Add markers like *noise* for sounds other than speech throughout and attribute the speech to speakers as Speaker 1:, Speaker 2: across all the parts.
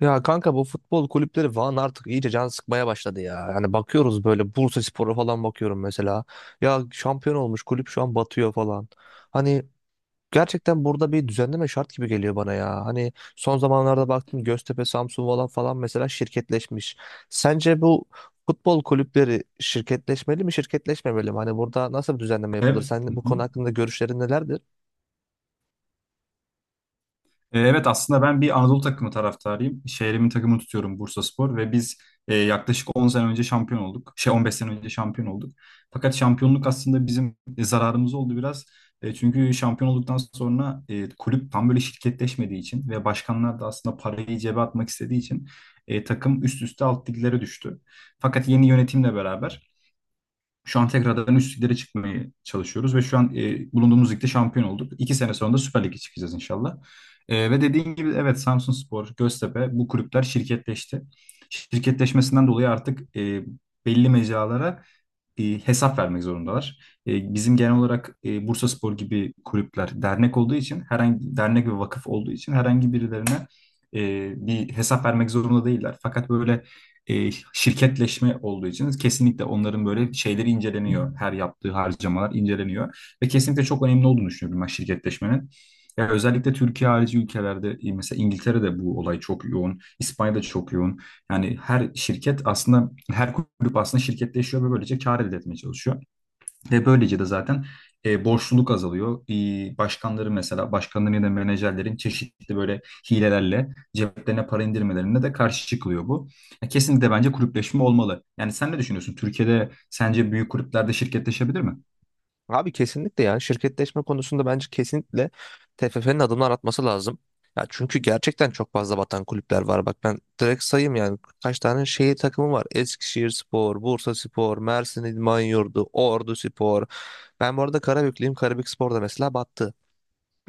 Speaker 1: Ya kanka bu futbol kulüpleri falan artık iyice can sıkmaya başladı ya. Yani bakıyoruz böyle Bursaspor'a falan bakıyorum mesela. Ya şampiyon olmuş kulüp şu an batıyor falan. Hani gerçekten burada bir düzenleme şart gibi geliyor bana ya. Hani son zamanlarda baktım Göztepe, Samsun falan mesela şirketleşmiş. Sence bu futbol kulüpleri şirketleşmeli mi, şirketleşmemeli mi? Hani burada nasıl bir düzenleme yapılır?
Speaker 2: Ev- Hı
Speaker 1: Sen bu konu
Speaker 2: hı.
Speaker 1: hakkında görüşlerin nelerdir?
Speaker 2: Evet aslında ben bir Anadolu takımı taraftarıyım. Şehrimin takımını tutuyorum Bursaspor ve biz yaklaşık 10 sene önce şampiyon olduk. 15 sene önce şampiyon olduk. Fakat şampiyonluk aslında bizim zararımız oldu biraz. Çünkü şampiyon olduktan sonra kulüp tam böyle şirketleşmediği için ve başkanlar da aslında parayı cebe atmak istediği için takım üst üste alt liglere düştü. Fakat yeni yönetimle beraber şu an tekrardan üst liglere çıkmaya çalışıyoruz ve şu an bulunduğumuz ligde şampiyon olduk. İki sene sonra da Süper Lig'e çıkacağız inşallah. Ve dediğin gibi evet Samsunspor, Göztepe bu kulüpler şirketleşti. Şirketleşmesinden dolayı artık belli mecralara hesap vermek zorundalar. Bizim genel olarak Bursaspor gibi kulüpler dernek olduğu için, herhangi dernek ve vakıf olduğu için herhangi birilerine e, bir hesap vermek zorunda değiller. Fakat böyle şirketleşme olduğu için kesinlikle onların böyle şeyleri inceleniyor. Her yaptığı harcamalar inceleniyor ve kesinlikle çok önemli olduğunu düşünüyorum ben şirketleşmenin. Ya özellikle Türkiye harici ülkelerde mesela İngiltere'de bu olay çok yoğun, İspanya'da çok yoğun. Yani her şirket aslında, her kulüp aslında şirketleşiyor ve böylece kar elde etmeye çalışıyor. Ve böylece de zaten borçluluk azalıyor. Başkanları mesela, başkanların ya da menajerlerin çeşitli böyle hilelerle ceplerine para indirmelerine de karşı çıkılıyor bu. Ya kesinlikle bence kulüpleşme olmalı. Yani sen ne düşünüyorsun? Türkiye'de sence büyük kulüplerde şirketleşebilir mi?
Speaker 1: Abi kesinlikle ya şirketleşme konusunda bence kesinlikle TFF'nin adımlar atması lazım. Ya çünkü gerçekten çok fazla batan kulüpler var. Bak ben direkt sayayım yani kaç tane şehir takımı var. Eskişehirspor, Bursaspor, Mersin İdman Yurdu, Orduspor. Ben bu arada Karabüklüyüm. Karabükspor da mesela battı.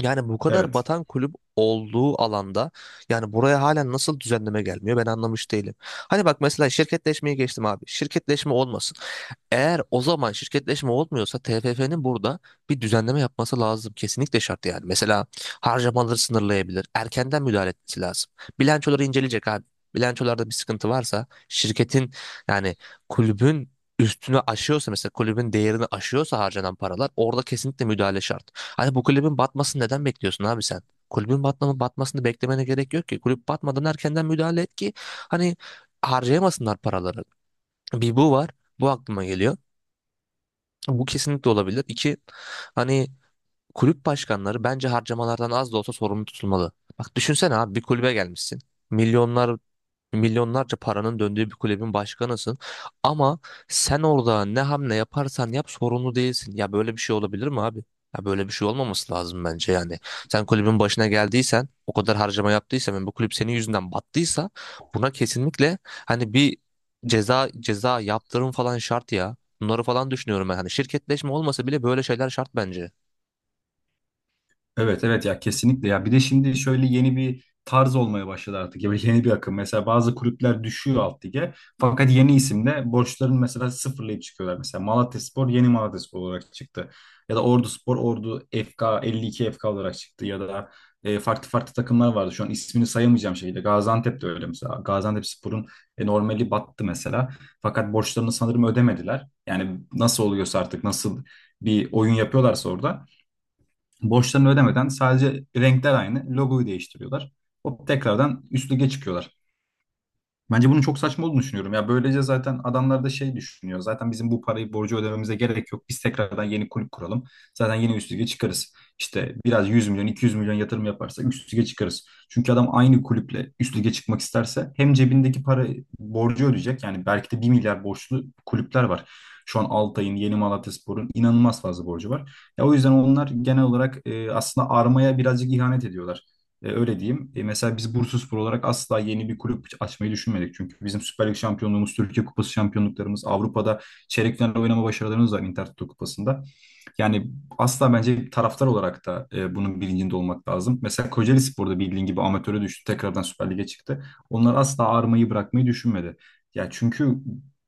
Speaker 1: Yani bu kadar
Speaker 2: Evet.
Speaker 1: batan kulüp olduğu alanda yani buraya halen nasıl düzenleme gelmiyor ben anlamış değilim. Hani bak mesela şirketleşmeyi geçtim abi. Şirketleşme olmasın. Eğer o zaman şirketleşme olmuyorsa TFF'nin burada bir düzenleme yapması lazım. Kesinlikle şart yani. Mesela harcamaları sınırlayabilir. Erkenden müdahale etmesi lazım. Bilançoları inceleyecek abi. Bilançolarda bir sıkıntı varsa şirketin yani kulübün üstüne aşıyorsa mesela kulübün değerini aşıyorsa harcanan paralar orada kesinlikle müdahale şart. Hani bu kulübün batmasını neden bekliyorsun abi sen? Kulübün batmanı, batmasını beklemene gerek yok ki. Kulüp batmadan erkenden müdahale et ki hani harcayamasınlar paraları. Bir bu var. Bu aklıma geliyor. Bu kesinlikle olabilir. İki hani kulüp başkanları bence harcamalardan az da olsa sorumlu tutulmalı. Bak düşünsene abi bir kulübe gelmişsin. Milyonlar Milyonlarca paranın döndüğü bir kulübün başkanısın. Ama sen orada ne hamle yaparsan yap sorumlu değilsin. Ya böyle bir şey olabilir mi abi? Ya böyle bir şey olmaması lazım bence yani. Sen kulübün başına geldiysen, o kadar harcama yaptıysan ve bu kulüp senin yüzünden battıysa buna kesinlikle hani bir ceza yaptırım falan şart ya. Bunları falan düşünüyorum ben. Hani şirketleşme olmasa bile böyle şeyler şart bence.
Speaker 2: Evet, evet, ya kesinlikle. Ya bir de şimdi şöyle yeni bir tarz olmaya başladı artık, ya yeni bir akım. Mesela bazı kulüpler düşüyor alt lige fakat yeni isimle borçlarını mesela sıfırlayıp çıkıyorlar. Mesela Malatyaspor yeni Malatyaspor olarak çıktı, ya da Orduspor Ordu FK 52 FK olarak çıktı, ya da farklı farklı takımlar vardı şu an ismini sayamayacağım şekilde. Gaziantep de öyle mesela, Gaziantepspor'un normali battı mesela fakat borçlarını sanırım ödemediler. Yani nasıl oluyorsa artık, nasıl bir oyun yapıyorlarsa orada, borçlarını ödemeden sadece renkler aynı. Logoyu değiştiriyorlar. Hop tekrardan üst lige çıkıyorlar. Bence bunun çok saçma olduğunu düşünüyorum. Ya böylece zaten adamlar da şey düşünüyor: zaten bizim bu parayı, borcu ödememize gerek yok. Biz tekrardan yeni kulüp kuralım. Zaten yeni üst lige çıkarız. İşte biraz 100 milyon, 200 milyon yatırım yaparsa üst lige çıkarız. Çünkü adam aynı kulüple üst lige çıkmak isterse hem cebindeki para borcu ödeyecek. Yani belki de bir milyar borçlu kulüpler var. Şu an Altay'ın, Yeni Malatyaspor'un inanılmaz fazla borcu var. Ya o yüzden onlar genel olarak aslında armaya birazcık ihanet ediyorlar. Öyle diyeyim. Mesela biz Bursaspor olarak asla yeni bir kulüp açmayı düşünmedik. Çünkü bizim Süper Lig şampiyonluğumuz, Türkiye Kupası şampiyonluklarımız, Avrupa'da çeyrek final oynama başarılarımız var Intertoto Kupası'nda. Yani asla, bence taraftar olarak da bunun bilincinde olmak lazım. Mesela Kocaeli Spor'da bildiğin gibi amatöre düştü, tekrardan Süper Lig'e çıktı. Onlar asla ağırmayı bırakmayı düşünmedi. Ya çünkü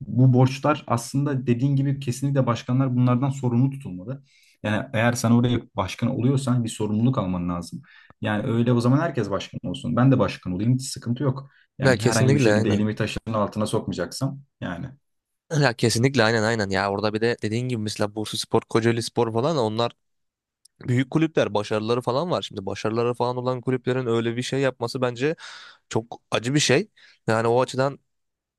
Speaker 2: bu borçlar aslında, dediğin gibi, kesinlikle başkanlar bunlardan sorumlu tutulmalı. Yani eğer sen oraya başkan oluyorsan bir sorumluluk alman lazım. Yani öyle o zaman herkes başkan olsun. Ben de başkan olayım. Hiç sıkıntı yok.
Speaker 1: Ya
Speaker 2: Yani herhangi bir
Speaker 1: kesinlikle
Speaker 2: şekilde
Speaker 1: aynen.
Speaker 2: elimi taşın altına sokmayacaksam yani.
Speaker 1: Ya kesinlikle aynen ya orada bir de dediğin gibi mesela Bursaspor, Kocaelispor falan onlar büyük kulüpler başarıları falan var. Şimdi başarıları falan olan kulüplerin öyle bir şey yapması bence çok acı bir şey. Yani o açıdan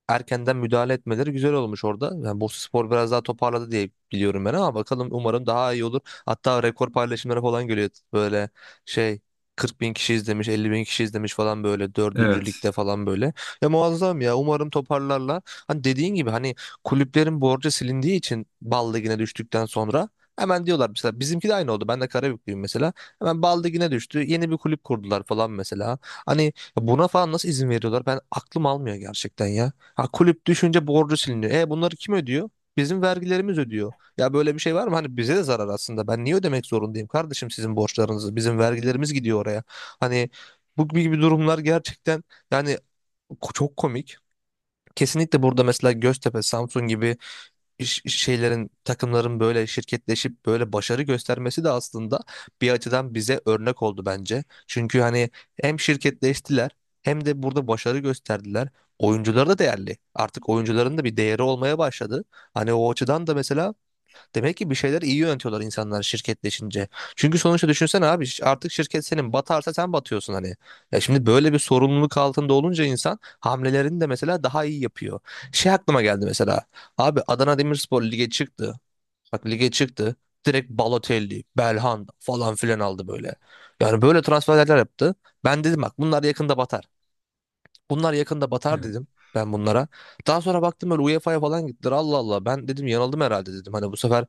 Speaker 1: erkenden müdahale etmeleri güzel olmuş orada. Yani Bursaspor biraz daha toparladı diye biliyorum ben ama bakalım umarım daha iyi olur. Hatta rekor paylaşımları falan geliyor. Böyle şey 40 bin kişi izlemiş, 50 bin kişi izlemiş falan böyle dördüncü
Speaker 2: Evet.
Speaker 1: ligde falan böyle. Ya muazzam ya umarım toparlarlar. Hani dediğin gibi hani kulüplerin borcu silindiği için Bal Ligi'ne düştükten sonra hemen diyorlar mesela bizimki de aynı oldu. Ben de Karabüklüyüm mesela. Hemen Bal Ligi'ne düştü. Yeni bir kulüp kurdular falan mesela. Hani buna falan nasıl izin veriyorlar? Ben aklım almıyor gerçekten ya. Ha, kulüp düşünce borcu siliniyor. E bunları kim ödüyor? Bizim vergilerimiz ödüyor. Ya böyle bir şey var mı? Hani bize de zarar aslında. Ben niye ödemek zorundayım kardeşim sizin borçlarınızı? Bizim vergilerimiz gidiyor oraya. Hani bu gibi durumlar gerçekten yani çok komik. Kesinlikle burada mesela Göztepe, Samsun gibi şeylerin takımların böyle şirketleşip böyle başarı göstermesi de aslında bir açıdan bize örnek oldu bence. Çünkü hani hem şirketleştiler hem de burada başarı gösterdiler. Oyuncular da değerli. Artık oyuncuların da bir değeri olmaya başladı. Hani o açıdan da mesela demek ki bir şeyler iyi yönetiyorlar insanlar şirketleşince. Çünkü sonuçta düşünsene abi artık şirket senin batarsa sen batıyorsun hani. Ya şimdi böyle bir sorumluluk altında olunca insan hamlelerini de mesela daha iyi yapıyor. Şey aklıma geldi mesela. Abi Adana Demirspor lige çıktı. Bak lige çıktı. Direkt Balotelli, Belhanda falan filan aldı böyle. Yani böyle transferler yaptı. Ben dedim bak bunlar yakında batar. Bunlar yakında batar
Speaker 2: Evet.
Speaker 1: dedim ben bunlara. Daha sonra baktım böyle UEFA'ya falan gittiler. Allah Allah ben dedim yanıldım herhalde dedim. Hani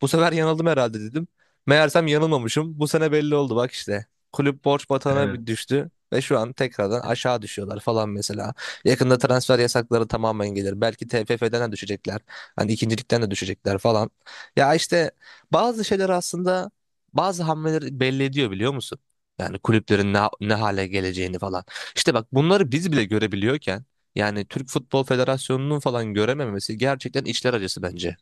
Speaker 1: bu sefer yanıldım herhalde dedim. Meğersem yanılmamışım. Bu sene belli oldu bak işte. Kulüp borç batağına bir
Speaker 2: Evet.
Speaker 1: düştü ve şu an tekrardan aşağı düşüyorlar falan mesela. Yakında transfer yasakları tamamen gelir. Belki TFF'den de düşecekler. Hani ikincilikten de düşecekler falan. Ya işte bazı şeyler aslında bazı hamleleri belli ediyor biliyor musun? Yani kulüplerin ne, ne hale geleceğini falan. İşte bak bunları biz bile görebiliyorken yani Türk Futbol Federasyonu'nun falan görememesi gerçekten içler acısı bence.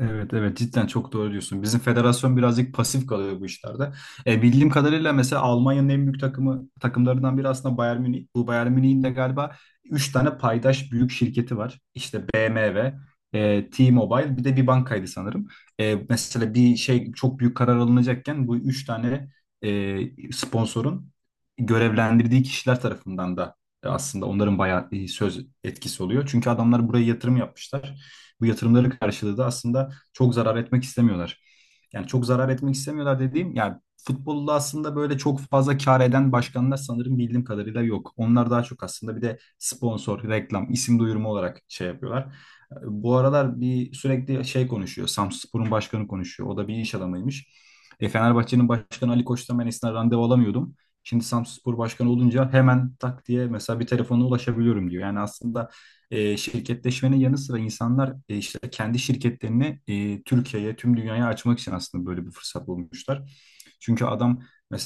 Speaker 2: Evet, evet, cidden çok doğru diyorsun. Bizim federasyon birazcık pasif kalıyor bu işlerde. Bildiğim kadarıyla mesela Almanya'nın en büyük takımlarından biri aslında Bayern Münih. Bu Bayern Münih'in de galiba 3 tane paydaş büyük şirketi var. İşte BMW, T-Mobile, bir de bir bankaydı sanırım. Mesela bir şey, çok büyük karar alınacakken, bu 3 tane sponsorun görevlendirdiği kişiler tarafından da aslında onların bayağı söz etkisi oluyor. Çünkü adamlar buraya yatırım yapmışlar. Bu yatırımları karşılığı da aslında çok zarar etmek istemiyorlar. Yani çok zarar etmek istemiyorlar dediğim, yani futbolda aslında böyle çok fazla kar eden başkanlar sanırım bildiğim kadarıyla yok. Onlar daha çok aslında bir de sponsor, reklam, isim duyurma olarak şey yapıyorlar. Bu aralar bir sürekli şey konuşuyor, Samsunspor'un başkanı konuşuyor. O da bir iş adamıymış. Fenerbahçe'nin başkanı Ali Koç'tan ben eskiden randevu alamıyordum. Şimdi Samsunspor başkanı olunca hemen tak diye mesela bir telefona ulaşabiliyorum diyor. Yani aslında şirketleşmenin yanı sıra insanlar işte kendi şirketlerini Türkiye'ye, tüm dünyaya açmak için aslında böyle bir fırsat bulmuşlar. Çünkü adam,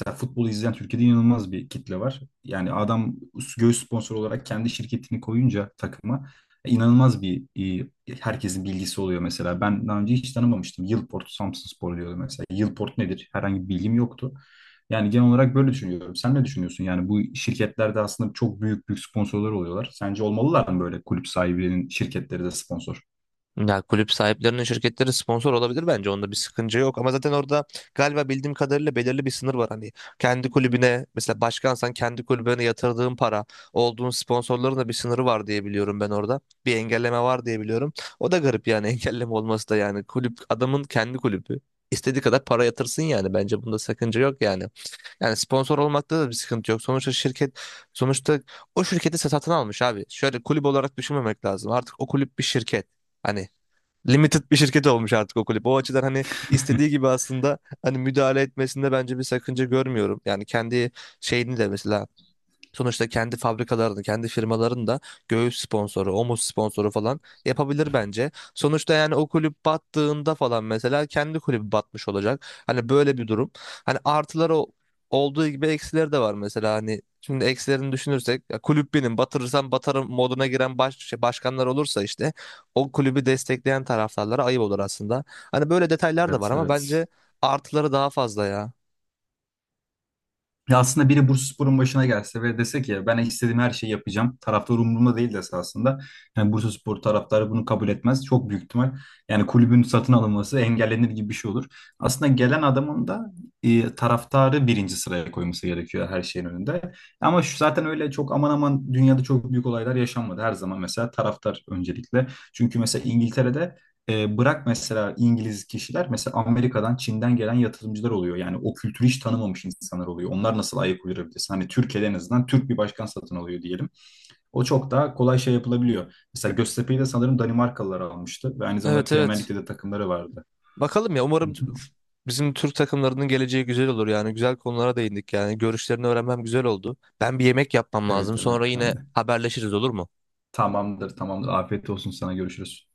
Speaker 2: ya futbolu izleyen Türkiye'de inanılmaz bir kitle var. Yani adam göğüs sponsor olarak kendi şirketini koyunca takıma inanılmaz bir, e, herkesin bilgisi oluyor mesela. Ben daha önce hiç tanımamıştım. Yılport, Samsunspor diyordu mesela. Yılport nedir? Herhangi bir bilgim yoktu. Yani genel olarak böyle düşünüyorum. Sen ne düşünüyorsun? Yani bu şirketlerde aslında çok büyük büyük sponsorlar oluyorlar. Sence olmalılar mı böyle, kulüp sahibinin şirketleri de sponsor?
Speaker 1: Ya kulüp sahiplerinin şirketleri sponsor olabilir bence onda bir sıkıntı yok ama zaten orada galiba bildiğim kadarıyla belirli bir sınır var hani kendi kulübüne mesela başkansan kendi kulübüne yatırdığın para olduğun sponsorların da bir sınırı var diye biliyorum ben orada bir engelleme var diye biliyorum o da garip yani *laughs* engelleme olması da yani kulüp adamın kendi kulübü istediği kadar para yatırsın yani bence bunda sakınca yok yani. Yani sponsor olmakta da bir sıkıntı yok. Sonuçta o şirketi satın almış abi. Şöyle kulüp olarak düşünmemek lazım. Artık o kulüp bir şirket. Hani limited bir şirket olmuş artık o kulüp. O açıdan hani istediği gibi aslında hani müdahale etmesinde bence bir sakınca görmüyorum. Yani kendi şeyini de mesela sonuçta kendi fabrikalarını, kendi firmalarını da göğüs sponsoru, omuz sponsoru falan yapabilir bence. Sonuçta yani o kulüp battığında falan mesela kendi kulübü batmış olacak. Hani böyle bir durum. Hani artıları olduğu gibi eksileri de var mesela hani şimdi eksilerini düşünürsek ya kulüp benim batırırsam batarım moduna giren başkanlar olursa işte o kulübü destekleyen taraftarlara ayıp olur aslında. Hani böyle detaylar da
Speaker 2: Evet,
Speaker 1: var ama bence
Speaker 2: evet.
Speaker 1: artıları daha fazla ya.
Speaker 2: Ya aslında biri Bursaspor'un başına gelse ve dese ki ben istediğim her şeyi yapacağım, taraftar umurumda değil dese aslında, yani Bursaspor taraftarı bunu kabul etmez çok büyük ihtimal. Yani kulübün satın alınması engellenir gibi bir şey olur. Aslında gelen adamın da taraftarı birinci sıraya koyması gerekiyor her şeyin önünde. Ama şu, zaten öyle çok aman aman dünyada çok büyük olaylar yaşanmadı. Her zaman mesela taraftar öncelikle. Çünkü mesela İngiltere'de bırak mesela İngiliz kişiler, mesela Amerika'dan, Çin'den gelen yatırımcılar oluyor. Yani o kültürü hiç tanımamış insanlar oluyor. Onlar nasıl ayak uydurabilirsin? Hani Türkiye'de en azından Türk bir başkan satın alıyor diyelim, o çok daha kolay şey yapılabiliyor. Mesela Göztepe'yi de sanırım Danimarkalılar almıştı ve aynı zamanda
Speaker 1: Evet,
Speaker 2: Premier
Speaker 1: evet,
Speaker 2: Lig'de de takımları vardı.
Speaker 1: bakalım ya
Speaker 2: Hı
Speaker 1: umarım
Speaker 2: hı.
Speaker 1: bizim Türk takımlarının geleceği güzel olur yani güzel konulara değindik yani görüşlerini öğrenmem güzel oldu. Ben bir yemek yapmam lazım
Speaker 2: Evet, evet,
Speaker 1: sonra yine
Speaker 2: ben de.
Speaker 1: haberleşiriz olur mu?
Speaker 2: Tamamdır, tamamdır. Afiyet olsun sana, görüşürüz.